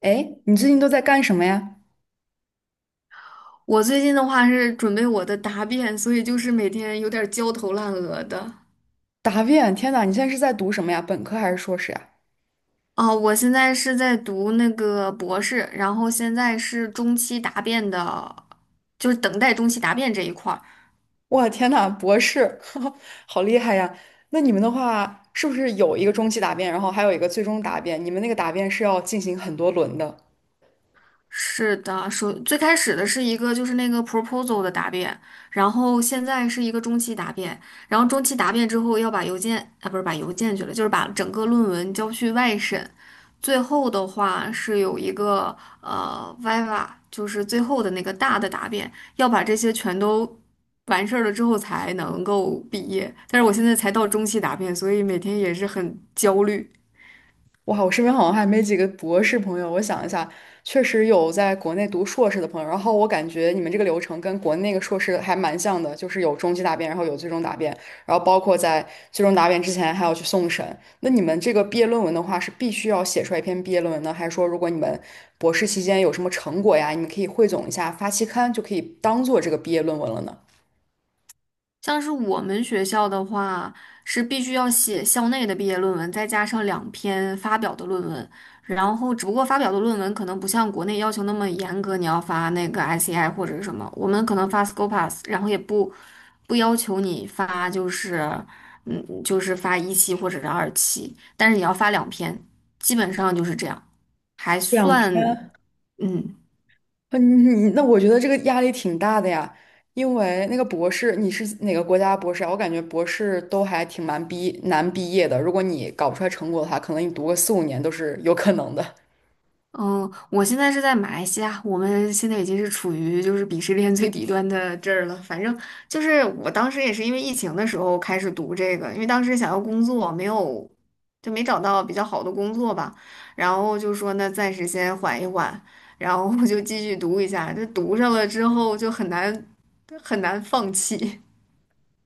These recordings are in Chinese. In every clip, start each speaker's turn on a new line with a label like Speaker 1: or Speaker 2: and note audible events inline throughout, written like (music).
Speaker 1: 哎，你最近都在干什么呀？
Speaker 2: 我最近的话是准备我的答辩，所以就是每天有点儿焦头烂额的。
Speaker 1: 答辩，天呐，你现在是在读什么呀？本科还是硕士呀？
Speaker 2: 哦，我现在是在读那个博士，然后现在是中期答辩的，就是等待中期答辩这一块儿。
Speaker 1: 哇，天呐，博士，(laughs) 好厉害呀！那你们的话，是不是有一个中期答辩，然后还有一个最终答辩？你们那个答辩是要进行很多轮的？
Speaker 2: 是的，最开始的是一个就是那个 proposal 的答辩，然后现在是一个中期答辩，然后中期答辩之后要把邮件啊不是把邮件去了，就是把整个论文交去外审，最后的话是有一个viva，就是最后的那个大的答辩，要把这些全都完事儿了之后才能够毕业。但是我现在才到中期答辩，所以每天也是很焦虑。
Speaker 1: 哇，我身边好像还没几个博士朋友。我想一下，确实有在国内读硕士的朋友。然后我感觉你们这个流程跟国内那个硕士还蛮像的，就是有中级答辩，然后有最终答辩，然后包括在最终答辩之前还要去送审。那你们这个毕业论文的话，是必须要写出来一篇毕业论文呢，还是说如果你们博士期间有什么成果呀，你们可以汇总一下发期刊，就可以当做这个毕业论文了呢？
Speaker 2: 像是我们学校的话，是必须要写校内的毕业论文，再加上两篇发表的论文。然后，只不过发表的论文可能不像国内要求那么严格，你要发那个 ICI 或者是什么，我们可能发 Scopus，然后也不要求你发，就是就是发一期或者是二期，但是你要发两篇，基本上就是这样，还
Speaker 1: 两
Speaker 2: 算
Speaker 1: 篇，
Speaker 2: 嗯。
Speaker 1: 嗯，那我觉得这个压力挺大的呀，因为那个博士，你是哪个国家博士啊？我感觉博士都还挺蛮毕难毕业的，如果你搞不出来成果的话，可能你读个4、5年都是有可能的。
Speaker 2: 嗯，我现在是在马来西亚，我们现在已经是处于就是鄙视链最底端的这儿了。反正就是我当时也是因为疫情的时候开始读这个，因为当时想要工作，没有就没找到比较好的工作吧，然后就说那暂时先缓一缓，然后我就继续读一下。这读上了之后就很难很难放弃。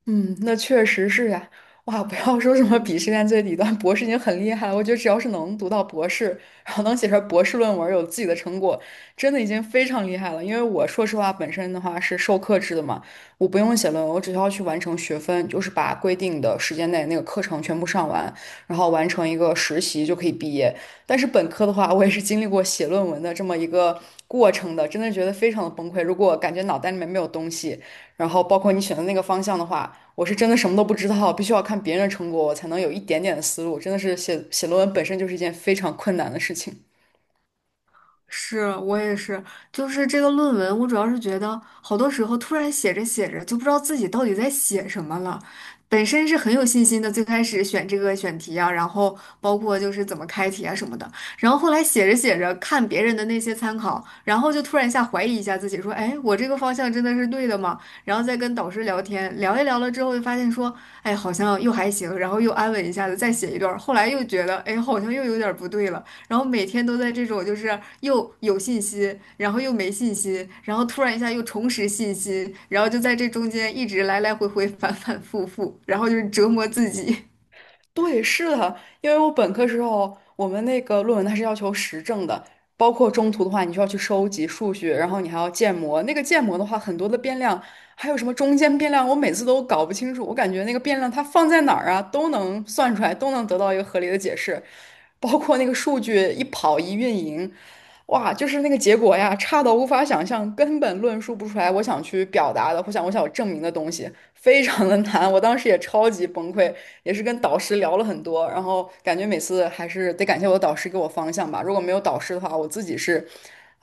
Speaker 1: 嗯，那确实是呀、哇，不要说什么鄙视链最底端，博士已经很厉害了。我觉得只要是能读到博士，然后能写出来博士论文，有自己的成果，真的已经非常厉害了。因为我说实话，本身的话是授课制的嘛，我不用写论文，我只需要去完成学分，就是把规定的时间内那个课程全部上完，然后完成一个实习就可以毕业。但是本科的话，我也是经历过写论文的这么一个过程的，真的觉得非常的崩溃。如果感觉脑袋里面没有东西。然后包括你选的那个方向的话，我是真的什么都不知道，必须要看别人的成果，我才能有一点点的思路。真的是写论文本身就是一件非常困难的事情。
Speaker 2: 是我也是，就是这个论文，我主要是觉得好多时候突然写着写着就不知道自己到底在写什么了。本身是很有信心的，最开始选这个选题啊，然后包括就是怎么开题啊什么的，然后后来写着写着看别人的那些参考，然后就突然一下怀疑一下自己，说，哎，我这个方向真的是对的吗？然后再跟导师聊天，聊一聊了之后就发现说，哎，好像又还行，然后又安稳一下子再写一段儿后来又觉得，哎，好像又有点儿不对了。然后每天都在这种就是又有信心，然后又没信心，然后突然一下又重拾信心，然后就在这中间一直来来回回 (laughs) 反反复复，然后就是折磨自己。
Speaker 1: 对，是的，因为我本科时候，我们那个论文它是要求实证的，包括中途的话，你需要去收集数据，然后你还要建模。那个建模的话，很多的变量，还有什么中间变量，我每次都搞不清楚。我感觉那个变量它放在哪儿啊，都能算出来，都能得到一个合理的解释。包括那个数据一跑一运营。哇，就是那个结果呀，差到无法想象，根本论述不出来我想去表达的，或想我想要证明的东西，非常的难。我当时也超级崩溃，也是跟导师聊了很多，然后感觉每次还是得感谢我的导师给我方向吧。如果没有导师的话，我自己是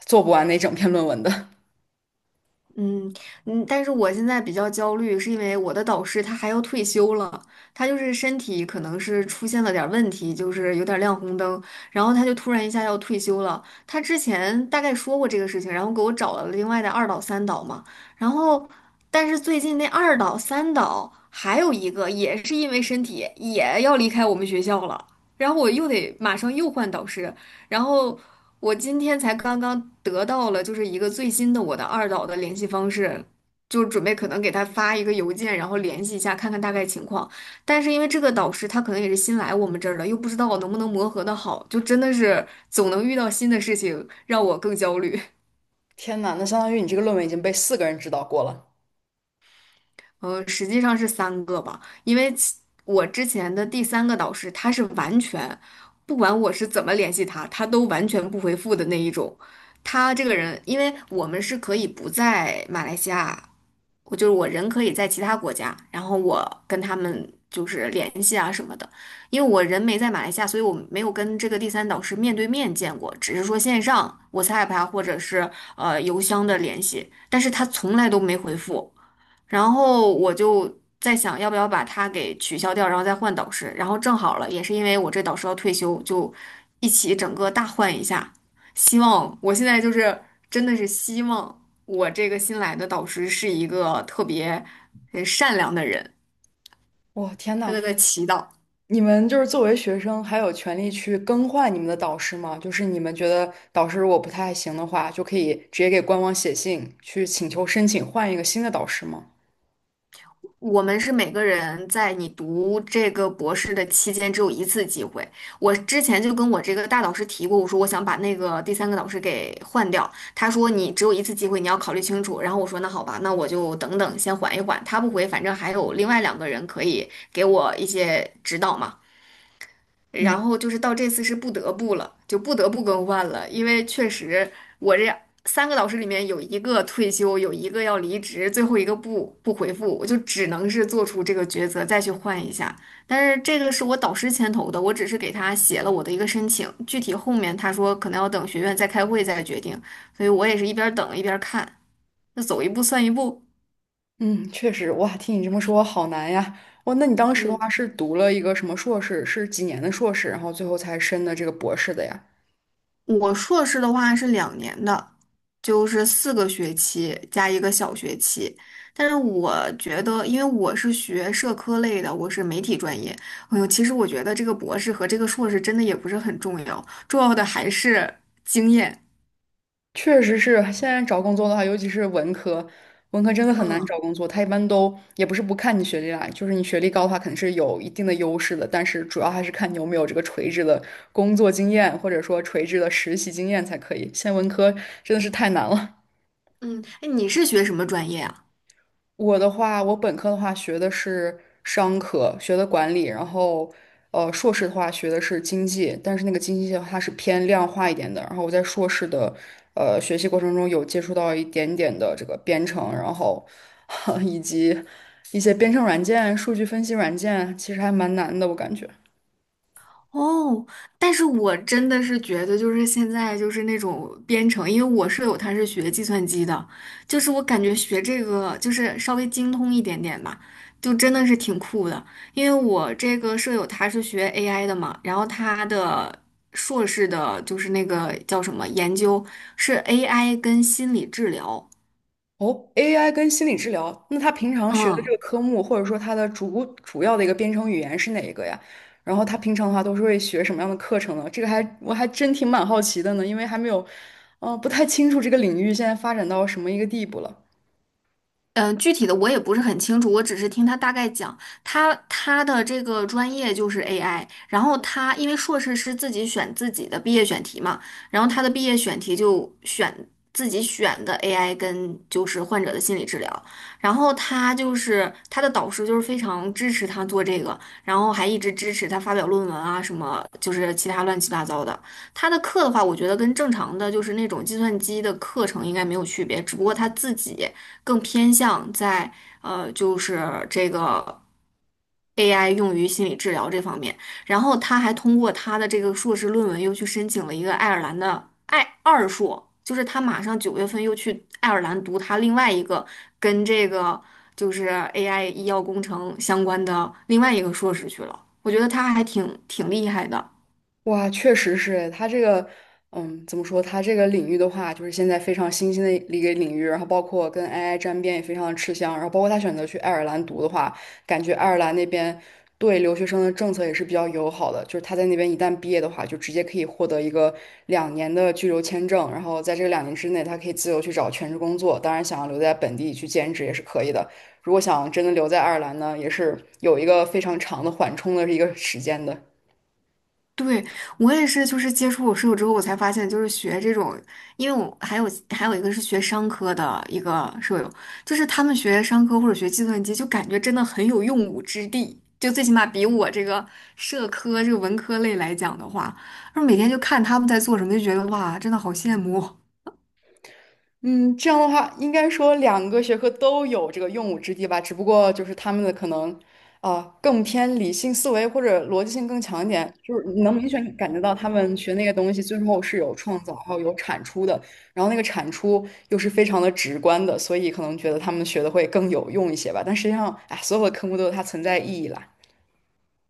Speaker 1: 做不完那整篇论文的。
Speaker 2: 嗯嗯，但是我现在比较焦虑，是因为我的导师他还要退休了，他就是身体可能是出现了点儿问题，就是有点儿亮红灯，然后他就突然一下要退休了。他之前大概说过这个事情，然后给我找了另外的二导、三导嘛，然后但是最近那二导、三导还有一个也是因为身体也要离开我们学校了，然后我又得马上又换导师，然后我今天才刚刚得到了，就是一个最新的我的二导的联系方式，就准备可能给他发一个邮件，然后联系一下，看看大概情况。但是因为这个导师他可能也是新来我们这儿的，又不知道我能不能磨合的好，就真的是总能遇到新的事情，让我更焦虑。
Speaker 1: (laughs) 天呐，那相当于你这个论文已经被四个人指导过了。
Speaker 2: 实际上是三个吧，因为我之前的第三个导师，他是完全不管我是怎么联系他，他都完全不回复的那一种。他这个人，因为我们是可以不在马来西亚我就是我人可以在其他国家，然后我跟他们就是联系啊什么的，因为我人没在马来西亚，所以我没有跟这个第三导师面对面见过，只是说线上 WhatsApp 啊或者是邮箱的联系，但是他从来都没回复，然后我就在想要不要把他给取消掉，然后再换导师，然后正好了，也是因为我这导师要退休，就一起整个大换一下，希望我现在就是真的是希望。我这个新来的导师是一个特别善良的人，
Speaker 1: 哇，天
Speaker 2: 真在
Speaker 1: 呐，
Speaker 2: 在祈祷。
Speaker 1: 你们就是作为学生，还有权利去更换你们的导师吗？就是你们觉得导师如果不太行的话，就可以直接给官网写信去请求申请换一个新的导师吗？
Speaker 2: 我们是每个人在你读这个博士的期间只有一次机会。我之前就跟我这个大导师提过，我说我想把那个第三个导师给换掉。他说你只有一次机会，你要考虑清楚。然后我说那好吧，那我就等等，先缓一缓。他不回，反正还有另外两个人可以给我一些指导嘛。然
Speaker 1: 嗯
Speaker 2: 后就是到这次是不得不了，就不得不更换了，因为确实我这三个导师里面有一个退休，有一个要离职，最后一个不回复，我就只能是做出这个抉择，再去换一下。但是这个是我导师牵头的，我只是给他写了我的一个申请，具体后面他说可能要等学院再开会再决定，所以我也是一边儿等一边儿看，那走一步算一步。
Speaker 1: 嗯，确实，哇，听你这么说，好难呀。哇，那你当时的
Speaker 2: 嗯。
Speaker 1: 话是读了一个什么硕士？是几年的硕士，然后最后才申的这个博士的呀？
Speaker 2: 我硕士的话是2年的，就是4个学期加一个小学期。但是我觉得，因为我是学社科类的，我是媒体专业。哎呦，其实我觉得这个博士和这个硕士真的也不是很重要，重要的还是经验。
Speaker 1: 确实是，现在找工作的话，尤其是文科，文科真的很难
Speaker 2: 嗯。
Speaker 1: 找工作。他一般都也不是不看你学历啦，就是你学历高的话，肯定是有一定的优势的，但是主要还是看你有没有这个垂直的工作经验，或者说垂直的实习经验才可以。现在文科真的是太难了。
Speaker 2: 嗯，哎，你是学什么专业啊？
Speaker 1: 我的话，我本科的话学的是商科，学的管理，然后硕士的话学的是经济，但是那个经济的话它是偏量化一点的。然后我在硕士的学习过程中有接触到一点点的这个编程，然后 (laughs) 以及一些编程软件、数据分析软件，其实还蛮难的，我感觉。
Speaker 2: 哦，但是我真的是觉得，就是现在就是那种编程，因为我舍友他是学计算机的，就是我感觉学这个就是稍微精通一点点吧，就真的是挺酷的。因为我这个舍友他是学 AI 的嘛，然后他的硕士的就是那个叫什么研究是 AI 跟心理治疗，
Speaker 1: 哦，AI 跟心理治疗，那他平常学的这
Speaker 2: 嗯。
Speaker 1: 个科目，或者说他的主要的一个编程语言是哪一个呀？然后他平常的话都是会学什么样的课程呢？这个我还真挺蛮好奇的呢，因为还没有，嗯、不太清楚这个领域现在发展到什么一个地步了。
Speaker 2: 嗯，具体的我也不是很清楚，我只是听他大概讲，他的这个专业就是 AI，然后他因为硕士是自己选自己的毕业选题嘛，然后他的毕业选题就选自己选的 AI 跟就是患者的心理治疗，然后他就是他的导师就是非常支持他做这个，然后还一直支持他发表论文啊什么，就是其他乱七八糟的。他的课的话，我觉得跟正常的就是那种计算机的课程应该没有区别，只不过他自己更偏向在就是这个 AI 用于心理治疗这方面。然后他还通过他的这个硕士论文又去申请了一个爱尔兰的爱二硕，就是他马上9月份又去爱尔兰读他另外一个跟这个就是 AI 医药工程相关的另外一个硕士去了。我觉得他还挺厉害的。
Speaker 1: 哇，确实是它这个，嗯，怎么说？它这个领域的话，就是现在非常新兴的一个领域，然后包括跟 AI 沾边也非常的吃香，然后包括他选择去爱尔兰读的话，感觉爱尔兰那边对留学生的政策也是比较友好的，就是他在那边一旦毕业的话，就直接可以获得一个两年的居留签证，然后在这个两年之内，他可以自由去找全职工作，当然想要留在本地去兼职也是可以的。如果想真的留在爱尔兰呢，也是有一个非常长的缓冲的一个时间的。
Speaker 2: 对，我也是，就是接触我室友之后，我才发现，就是学这种，因为我还有一个是学商科的一个舍友，就是他们学商科或者学计算机，就感觉真的很有用武之地，就最起码比我这个社科这个文科类来讲的话，然后每天就看他们在做什么，就觉得哇，真的好羡慕哦。
Speaker 1: 嗯，这样的话，应该说两个学科都有这个用武之地吧，只不过就是他们的可能，啊、更偏理性思维或者逻辑性更强一点，就是你能明显感觉到他们学那个东西最后是有创造，还有有产出的，然后那个产出又是非常的直观的，所以可能觉得他们学的会更有用一些吧。但实际上，哎，所有的科目都有它存在意义啦。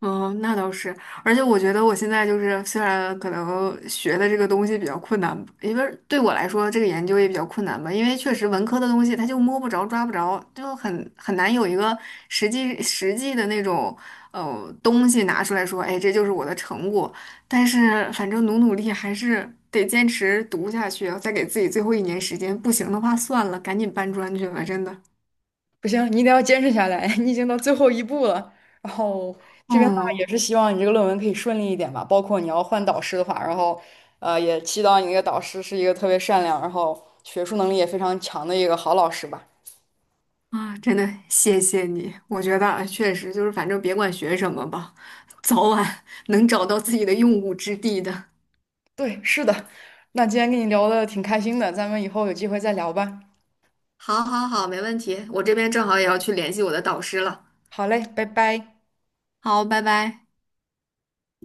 Speaker 2: 嗯，那倒是，而且我觉得我现在就是，虽然可能学的这个东西比较困难，因为对我来说这个研究也比较困难吧，因为确实文科的东西它就摸不着、抓不着，就很难有一个实际的那种东西拿出来说，哎，这就是我的成果。但是反正努努力还是得坚持读下去，再给自己最后一年时间，不行的话算了，赶紧搬砖去吧，真的。
Speaker 1: 不行，你一定要坚持下来，(laughs) 你已经到最后一步了。然后这边的话也是
Speaker 2: 哦。
Speaker 1: 希望你这个论文可以顺利一点吧，包括你要换导师的话，然后也祈祷你那个导师是一个特别善良，然后学术能力也非常强的一个好老师吧。
Speaker 2: 啊，真的谢谢你，我觉得啊确实就是反正别管学什么吧，早晚 (laughs) 能找到自己的用武之地的。
Speaker 1: 对，是的。那今天跟你聊的挺开心的，咱们以后有机会再聊吧。
Speaker 2: 好，好，好，没问题。我这边正好也要去联系我的导师了。
Speaker 1: 好嘞，拜拜。
Speaker 2: 好，拜拜。